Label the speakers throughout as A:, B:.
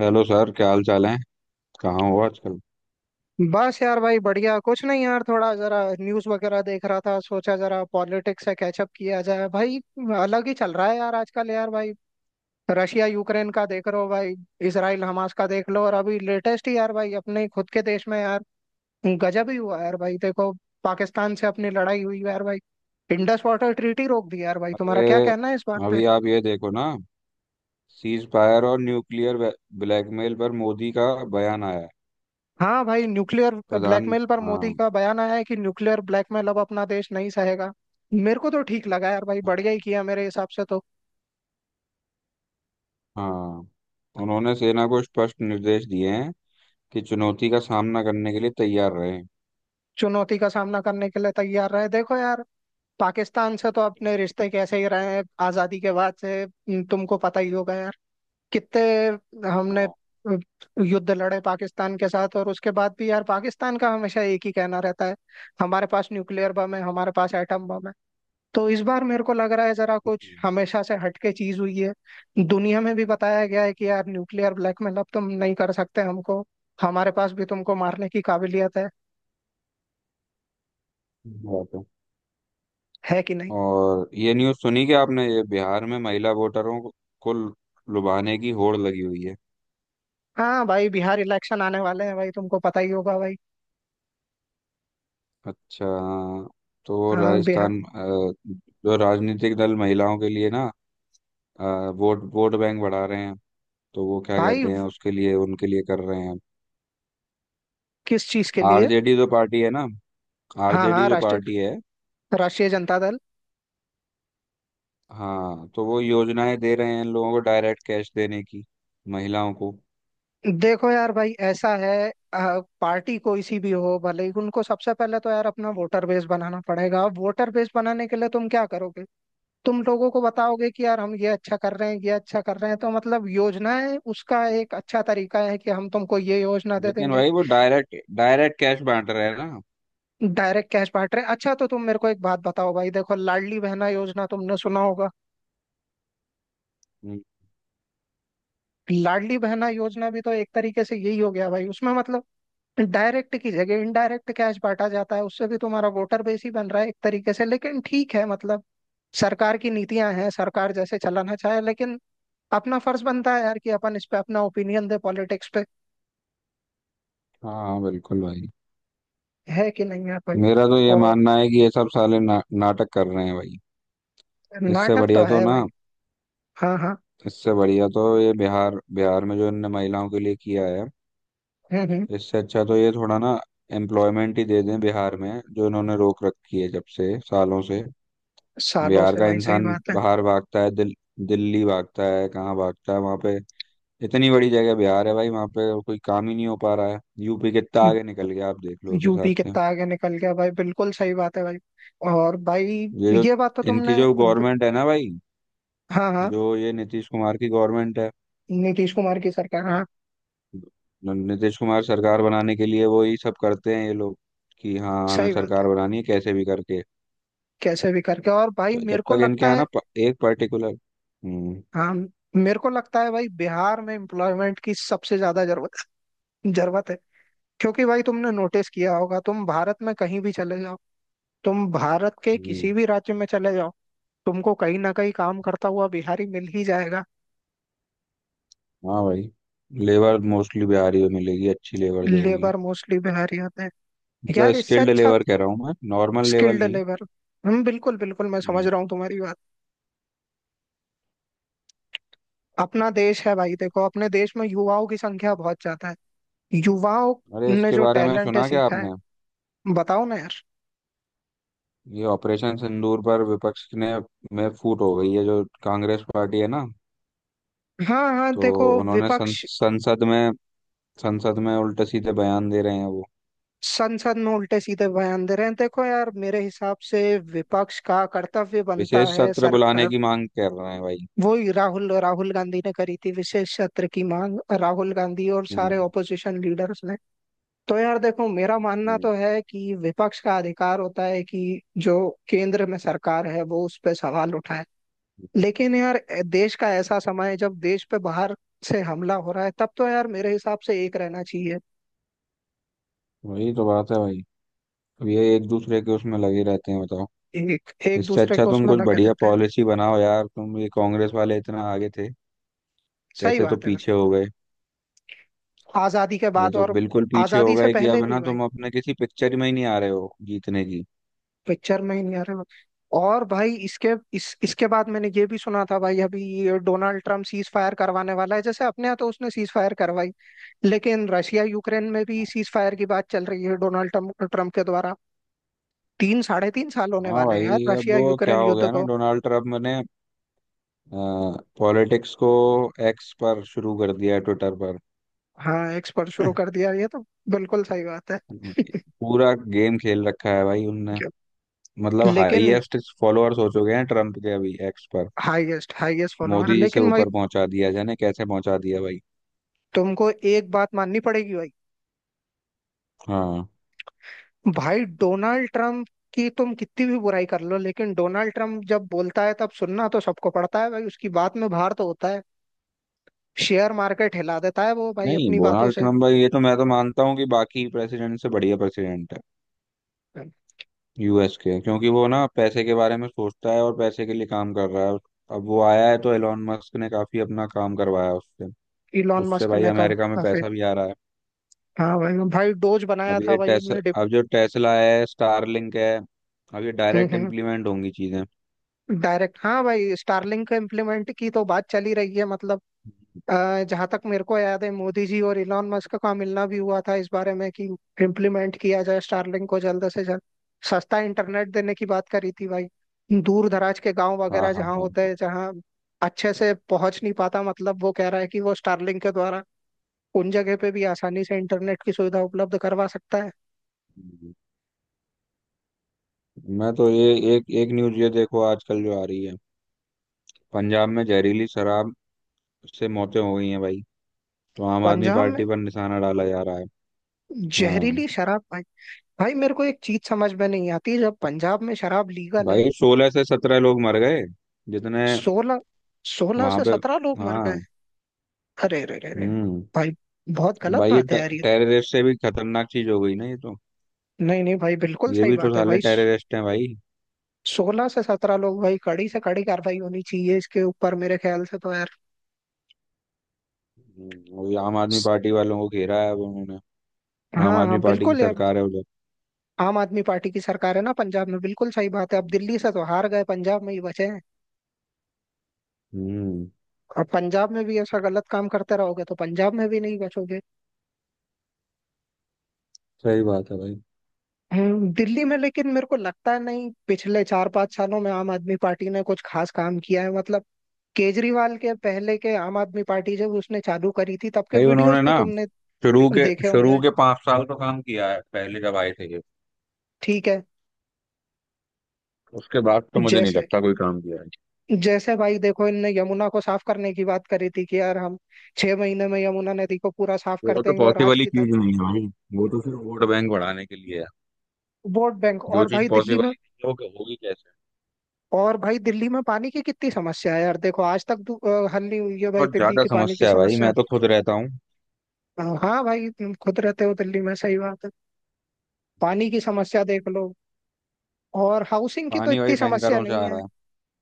A: Hello sir, क्या हाल चाल है। कहाँ हो आजकल।
B: बस यार भाई, बढ़िया। कुछ नहीं यार, थोड़ा जरा न्यूज़ वगैरह देख रहा था, सोचा जरा पॉलिटिक्स से कैचअप किया जाए भाई। अलग ही चल रहा है यार आजकल यार भाई। रशिया यूक्रेन का देख रहे हो भाई? इसराइल हमास का देख लो, और अभी लेटेस्ट ही यार भाई अपने खुद के देश में यार गजब ही हुआ यार भाई, देखो। पाकिस्तान से अपनी लड़ाई हुई यार भाई। इंडस वाटर ट्रीटी रोक दी यार भाई, तुम्हारा
A: अरे,
B: क्या कहना है इस बात?
A: अभी आप ये देखो ना। सीज फायर और न्यूक्लियर ब्लैकमेल पर मोदी का बयान आया है।
B: हाँ भाई, न्यूक्लियर
A: प्रधान
B: ब्लैकमेल पर मोदी
A: हाँ
B: का बयान आया है कि न्यूक्लियर ब्लैकमेल अब अपना देश नहीं सहेगा। मेरे को तो ठीक लगा यार भाई, बढ़िया ही किया मेरे हिसाब से तो।
A: हाँ। उन्होंने सेना को स्पष्ट निर्देश दिए हैं कि चुनौती का सामना करने के लिए तैयार रहें।
B: चुनौती का सामना करने के लिए तैयार रहे, देखो यार। पाकिस्तान से तो अपने रिश्ते कैसे ही रहे हैं आजादी के बाद से, तुमको पता ही होगा यार कितने हमने
A: हाँ,
B: युद्ध लड़े पाकिस्तान के साथ। और उसके बाद भी यार पाकिस्तान का हमेशा एक ही कहना रहता है, हमारे पास न्यूक्लियर बम है, हमारे पास एटम बम है। तो इस बार मेरे को लग रहा है जरा कुछ
A: सही
B: हमेशा से हटके चीज हुई है। दुनिया में भी बताया गया है कि यार न्यूक्लियर ब्लैकमेल अब तुम नहीं कर सकते हमको, हमारे पास भी तुमको मारने की काबिलियत है।
A: बात है।
B: है कि नहीं?
A: और ये न्यूज़ सुनी क्या आपने, ये बिहार में महिला वोटरों को लुभाने की होड़ लगी हुई है।
B: हाँ भाई, बिहार इलेक्शन आने वाले हैं भाई, तुमको पता ही होगा भाई।
A: अच्छा, हाँ। तो
B: हाँ बिहार।
A: राजस्थान, जो राजनीतिक दल महिलाओं के लिए ना, अ, वोट वोट बैंक बढ़ा रहे हैं, तो वो क्या
B: भाई
A: कहते हैं उसके लिए उनके लिए कर रहे हैं।
B: किस चीज के लिए?
A: आरजेडी जो पार्टी है ना
B: हाँ
A: आरजेडी
B: हाँ,
A: जो पार्टी
B: राष्ट्रीय।
A: है।
B: जनता दल।
A: हाँ, तो वो योजनाएं दे रहे हैं इन लोगों को डायरेक्ट कैश देने की, महिलाओं को।
B: देखो यार भाई, ऐसा है पार्टी कोई सी भी हो भले ही, उनको सबसे पहले तो यार अपना वोटर बेस बनाना पड़ेगा। वोटर बेस बनाने के लिए तुम क्या करोगे? तुम लोगों को बताओगे कि यार हम ये अच्छा कर रहे हैं, ये अच्छा कर रहे हैं, तो मतलब योजनाएं उसका एक अच्छा तरीका है कि हम तुमको ये योजना दे
A: लेकिन
B: देंगे।
A: भाई वो डायरेक्ट डायरेक्ट कैश बांट रहे हैं ना।
B: डायरेक्ट कैश बांट रहे हैं, अच्छा। तो तुम मेरे को एक बात बताओ भाई, देखो लाडली बहना योजना तुमने सुना होगा।
A: हम्म।
B: लाडली बहना योजना भी तो एक तरीके से यही हो गया भाई, उसमें मतलब डायरेक्ट की जगह इनडायरेक्ट कैश बांटा जाता है। उससे भी तुम्हारा वोटर बेस ही बन रहा है एक तरीके से, लेकिन ठीक है, मतलब सरकार की नीतियां हैं, सरकार जैसे चलाना चाहे, लेकिन अपना फर्ज बनता है यार कि अपन इस पे अपना ओपिनियन दे पॉलिटिक्स पे।
A: हाँ, बिल्कुल भाई।
B: है कि नहीं है भाई?
A: मेरा तो ये
B: और
A: मानना है कि ये सब साले ना, नाटक कर रहे हैं भाई। इससे
B: नाटक तो
A: बढ़िया तो
B: है भाई।
A: ना
B: हाँ हाँ।
A: इससे बढ़िया तो ये बिहार बिहार में जो इनने महिलाओं के लिए किया है,
B: हम्म।
A: इससे अच्छा तो ये थोड़ा ना एम्प्लॉयमेंट ही दे दें। बिहार में जो इन्होंने रोक रखी है जब से, सालों से।
B: सालों
A: बिहार
B: से
A: का
B: भाई, सही
A: इंसान
B: बात है।
A: बाहर भागता है, दिल्ली भागता है, कहाँ भागता है वहाँ पे। इतनी बड़ी जगह बिहार है भाई, वहाँ पे कोई काम ही नहीं हो पा रहा है। यूपी कितना
B: हम्म,
A: आगे निकल गया आप देख लो उस हिसाब
B: यूपी
A: से।
B: कितना आगे निकल गया भाई, बिल्कुल सही बात है भाई। और भाई
A: ये जो
B: ये बात तो
A: इनकी
B: तुमने।
A: जो गवर्नमेंट है ना भाई,
B: हाँ हाँ,
A: जो ये नीतीश कुमार की गवर्नमेंट है।
B: नीतीश कुमार की सरकार, हाँ।
A: नीतीश कुमार सरकार बनाने के लिए वो ही सब करते हैं ये लोग, कि हाँ हमें
B: सही बात है।
A: सरकार बनानी है कैसे भी करके।
B: कैसे भी करके, और भाई
A: तो जब
B: मेरे को
A: तक इनके
B: लगता
A: यहाँ
B: है।
A: ना एक पर्टिकुलर।
B: हाँ। मेरे को लगता है भाई बिहार में एम्प्लॉयमेंट की सबसे ज्यादा जरूरत, जरूरत है। क्योंकि भाई, तुमने नोटिस किया होगा, तुम भारत में कहीं भी चले जाओ, तुम भारत के
A: हम्म।
B: किसी भी राज्य में चले जाओ, तुमको कहीं ना कहीं काम करता हुआ बिहारी मिल ही जाएगा।
A: हाँ भाई। लेबर मोस्टली बिहारी में मिलेगी, अच्छी लेबर जो होगी।
B: लेबर मोस्टली बिहारी होते हैं।
A: मतलब
B: यार, इससे
A: स्किल्ड
B: अच्छा
A: लेबर कह रहा हूँ मैं, नॉर्मल लेवल
B: स्किल्ड
A: नहीं।
B: लेबर। हम बिल्कुल बिल्कुल, मैं समझ
A: हम्म।
B: रहा हूँ तुम्हारी बात। अपना देश है भाई, देखो अपने देश में युवाओं की संख्या बहुत ज्यादा है। युवाओं
A: अरे,
B: ने
A: इसके
B: जो
A: बारे में
B: टैलेंट है
A: सुना क्या
B: सीखा
A: आपने,
B: है, बताओ ना यार।
A: ये ऑपरेशन सिंदूर पर विपक्ष ने में फूट हो गई है, जो कांग्रेस पार्टी है ना।
B: हाँ हाँ,
A: तो
B: देखो
A: उन्होंने
B: विपक्ष
A: संसद में, संसद में उल्टे सीधे बयान दे रहे हैं वो।
B: संसद में उल्टे सीधे बयान दे रहे हैं, देखो यार मेरे हिसाब से विपक्ष का कर्तव्य बनता
A: विशेष
B: है
A: सत्र बुलाने
B: सरकार।
A: की मांग कर रहे हैं भाई।
B: वो ही राहुल, गांधी ने करी थी विशेष सत्र की मांग, राहुल गांधी और सारे
A: हम्म,
B: ओपोजिशन लीडर्स ने। तो यार देखो, मेरा मानना
A: हम्म,
B: तो है कि विपक्ष का अधिकार होता है कि जो केंद्र में सरकार है वो उस पर सवाल उठाए।
A: हम्म।
B: लेकिन यार, देश का ऐसा समय है जब देश पे बाहर से हमला हो रहा है, तब तो यार मेरे हिसाब से एक रहना चाहिए।
A: वही तो बात है भाई, अब ये एक दूसरे के उसमें लगे रहते हैं बताओ।
B: एक एक
A: इससे
B: दूसरे
A: अच्छा
B: को
A: तुम
B: उसमें
A: कुछ
B: लगे
A: बढ़िया
B: रहते हैं।
A: पॉलिसी बनाओ यार। तुम ये कांग्रेस वाले इतना आगे थे,
B: सही
A: कैसे तो
B: बात है भाई,
A: पीछे हो गए।
B: आजादी के
A: ये
B: बाद
A: तो
B: और
A: बिल्कुल पीछे हो
B: आजादी से
A: गए कि
B: पहले
A: अब है
B: भी
A: ना,
B: भाई।
A: तुम अपने किसी पिक्चर में ही नहीं आ रहे हो जीतने की।
B: पिक्चर में ही नहीं आ रहे। और भाई इसके, इस इसके बाद मैंने ये भी सुना था भाई, अभी ये डोनाल्ड ट्रम्प सीज फायर करवाने वाला है। जैसे अपने यहाँ तो उसने सीज फायर करवाई, लेकिन रशिया यूक्रेन में भी सीज फायर की बात चल रही है डोनाल्ड ट्रम्प ट्रम्प के द्वारा। तीन साढ़े तीन साल होने
A: हाँ
B: वाले हैं यार,
A: भाई, अब
B: रशिया
A: वो क्या
B: यूक्रेन
A: हो
B: युद्ध
A: गया ना,
B: को।
A: डोनाल्ड ट्रम्प ने पॉलिटिक्स को एक्स पर शुरू कर दिया, ट्विटर पर।
B: हाँ एक्सपर्ट शुरू कर दिया ये तो, बिल्कुल सही बात है।
A: पूरा गेम खेल रखा है भाई उनने।
B: जो-
A: मतलब
B: लेकिन
A: हाईएस्ट फॉलोअर्स हो चुके हैं ट्रम्प के अभी एक्स पर।
B: Highest highest follower,
A: Modi ji से
B: लेकिन भाई
A: ऊपर पहुंचा दिया, जाने कैसे पहुंचा दिया भाई।
B: तुमको एक बात माननी पड़ेगी भाई।
A: हाँ।
B: भाई डोनाल्ड ट्रम्प की तुम कितनी भी बुराई कर लो, लेकिन डोनाल्ड ट्रम्प जब बोलता है तब सुनना तो सबको पड़ता है भाई, उसकी बात में भार तो होता है। शेयर मार्केट हिला देता है वो भाई
A: नहीं,
B: अपनी बातों
A: डोनाल्ड
B: से।
A: ट्रम्प भाई ये तो मैं तो मानता हूँ कि बाकी प्रेसिडेंट से बढ़िया प्रेसिडेंट है, यूएस के। क्योंकि वो ना पैसे के बारे में सोचता है और पैसे के लिए काम कर रहा है। अब वो आया है तो एलोन मस्क ने काफी अपना काम करवाया उससे।
B: इलॉन
A: उससे
B: मस्क
A: भाई
B: ने का
A: अमेरिका में
B: काफी।
A: पैसा भी आ रहा है।
B: हाँ भाई, भाई डोज बनाया
A: अब
B: था
A: ये
B: भाई
A: टेस
B: उनने।
A: अब जो टेस्ला है, स्टारलिंक है, अब ये डायरेक्ट इम्प्लीमेंट होंगी चीजें।
B: डायरेक्ट, हाँ भाई स्टारलिंक को इम्प्लीमेंट की तो बात चली रही है। मतलब जहां तक मेरे को याद है, मोदी जी और इलॉन मस्क का मिलना भी हुआ था इस बारे में कि इम्प्लीमेंट किया जाए स्टारलिंक को जल्द से जल्द, सस्ता इंटरनेट देने की बात करी थी भाई। दूर दराज के गांव
A: हाँ
B: वगैरह
A: हाँ
B: जहाँ
A: हाँ।
B: होते हैं, जहाँ अच्छे से पहुंच नहीं पाता, मतलब वो कह रहा है कि वो स्टारलिंक के द्वारा उन जगह पे भी आसानी से इंटरनेट की सुविधा उपलब्ध करवा सकता है।
A: हाँ। मैं तो ये एक एक न्यूज ये देखो आजकल जो आ रही है, पंजाब में जहरीली शराब से मौतें हो गई हैं भाई, तो आम आदमी
B: पंजाब में
A: पार्टी पर निशाना डाला जा रहा है। हाँ
B: जहरीली शराब भाई, भाई मेरे को एक चीज समझ में नहीं आती जब पंजाब में शराब लीगल है।
A: भाई, सोलह से सत्रह लोग मर गए, जितने
B: सोलह,
A: वहां
B: से
A: पे।
B: सत्रह लोग मर गए।
A: हाँ।
B: अरे अरे अरे अरे,
A: हम्म।
B: भाई बहुत गलत
A: भाई ये
B: बात है यार ये।
A: टेररिस्ट से भी खतरनाक चीज हो गई ना ये तो।
B: नहीं नहीं भाई, बिल्कुल
A: ये
B: सही
A: भी तो
B: बात है
A: साले
B: भाई।
A: टेररिस्ट हैं भाई।
B: सोलह से सत्रह लोग भाई, कड़ी से कड़ी कार्रवाई होनी चाहिए इसके ऊपर मेरे ख्याल से तो यार।
A: और ये आम आदमी
B: स-
A: पार्टी वालों को घेरा है अब उन्होंने। आम
B: हाँ
A: आदमी
B: हाँ,
A: पार्टी की
B: बिल्कुल यार।
A: सरकार है उधर।
B: आम आदमी पार्टी की सरकार है ना पंजाब में, बिल्कुल सही बात है। अब दिल्ली से तो हार गए, पंजाब में ही बचे हैं
A: हम्म
B: और पंजाब में भी ऐसा गलत काम करते रहोगे तो पंजाब में भी नहीं बचोगे।
A: सही बात है भाई।
B: दिल्ली में लेकिन मेरे को लगता है नहीं, पिछले चार पांच सालों में आम आदमी पार्टी ने कुछ खास काम किया है। मतलब केजरीवाल के पहले के आम आदमी पार्टी जब उसने चालू करी थी तब के
A: भाई उन्होंने
B: वीडियोस भी
A: ना,
B: तुमने
A: शुरू के
B: देखे
A: शुरू
B: होंगे,
A: के पांच साल तो काम किया है, पहले जब आए थे ये।
B: ठीक है।
A: उसके बाद तो मुझे नहीं
B: जैसे,
A: लगता कोई काम किया है।
B: जैसे भाई देखो इनने यमुना को साफ करने की बात करी थी कि यार हम छह महीने में यमुना नदी को पूरा साफ कर
A: वो तो
B: देंगे और आज
A: पॉसिबल ही
B: की तारीख।
A: चीज नहीं है भाई, वो तो सिर्फ वोट बैंक बढ़ाने के लिए है।
B: वोट बैंक,
A: जो
B: और
A: चीज
B: भाई दिल्ली
A: पॉसिबल ही
B: में,
A: नहीं है, वो होगी कैसे।
B: और भाई दिल्ली में पानी की कितनी समस्या है यार, देखो आज तक हल नहीं हुई है भाई
A: बहुत
B: दिल्ली
A: ज्यादा
B: की पानी की
A: समस्या है भाई,
B: समस्या।
A: मैं तो खुद रहता हूँ।
B: हाँ भाई, तुम खुद रहते हो दिल्ली में, सही बात है। पानी की समस्या देख लो, और हाउसिंग की तो
A: पानी वही
B: इतनी समस्या
A: टैंकरों से
B: नहीं
A: आ
B: है।
A: रहा है।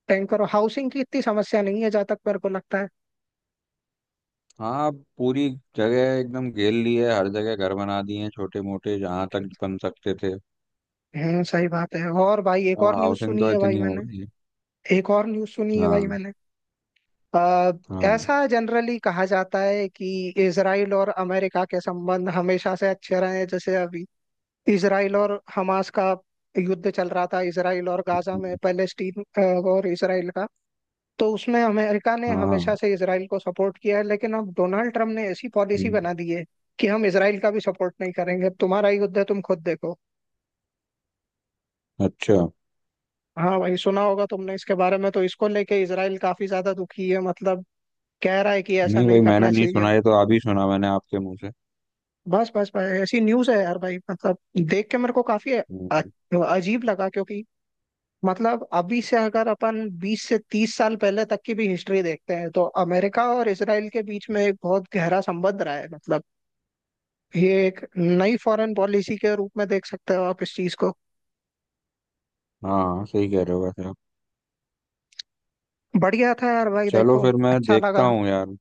B: टैंक करो, हाउसिंग की इतनी समस्या नहीं है जहां तक मेरे को लगता है,
A: हाँ, अब पूरी जगह एकदम घेर ली है, हर जगह घर बना दिए हैं छोटे मोटे जहां तक
B: ठीक।
A: बन सकते थे।
B: सही बात है। और भाई एक
A: अब
B: और न्यूज़
A: हाउसिंग
B: सुनी
A: तो
B: है भाई
A: इतनी हो
B: मैंने,
A: गई है।
B: एक और न्यूज़ सुनी है भाई
A: हाँ
B: मैंने आ,
A: हाँ।
B: ऐसा जनरली कहा जाता है कि इसराइल और अमेरिका के संबंध हमेशा से अच्छे रहे हैं। जैसे अभी इसराइल और हमास का युद्ध चल रहा था, इसराइल और गाजा में
A: हम्म,
B: पैलेस्टीन, और इसराइल का, तो उसमें अमेरिका ने
A: हाँ।
B: हमेशा से इसराइल को सपोर्ट किया है। लेकिन अब डोनाल्ड ट्रम्प ने ऐसी पॉलिसी
A: हम्म।
B: बना दी है कि हम इसराइल का भी सपोर्ट नहीं करेंगे, अब तुम्हारा ही युद्ध है तुम खुद देखो।
A: अच्छा।
B: हाँ भाई, सुना होगा तुमने इसके बारे में, तो इसको लेके इसराइल काफी ज्यादा दुखी है। मतलब कह रहा है कि ऐसा
A: नहीं
B: नहीं
A: भाई, मैंने
B: करना
A: नहीं
B: चाहिए।
A: सुना, ये तो आप ही सुना, मैंने आपके मुंह से।
B: बस बस भाई, ऐसी न्यूज है यार भाई, मतलब देख के मेरे को काफी
A: हम्म।
B: अजीब लगा, क्योंकि मतलब अभी से अगर अपन 20 से 30 साल पहले तक की भी हिस्ट्री देखते हैं तो अमेरिका और इसराइल के बीच में एक बहुत गहरा संबंध रहा है। मतलब ये एक नई फॉरेन पॉलिसी के रूप में देख सकते हो आप इस चीज को।
A: हाँ, सही कह रहे हो वैसे आप।
B: बढ़िया था यार भाई,
A: चलो
B: देखो
A: फिर मैं
B: अच्छा लगा।
A: देखता हूँ यार,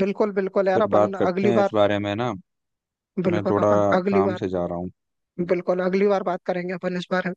B: बिल्कुल बिल्कुल यार,
A: फिर
B: अपन
A: बात करते
B: अगली
A: हैं इस
B: बार,
A: बारे में ना, मैं
B: बिल्कुल
A: थोड़ा
B: अपन अगली
A: काम
B: बार,
A: से जा रहा हूँ।
B: बिल्कुल अगली बार बात करेंगे अपन इस बारे में।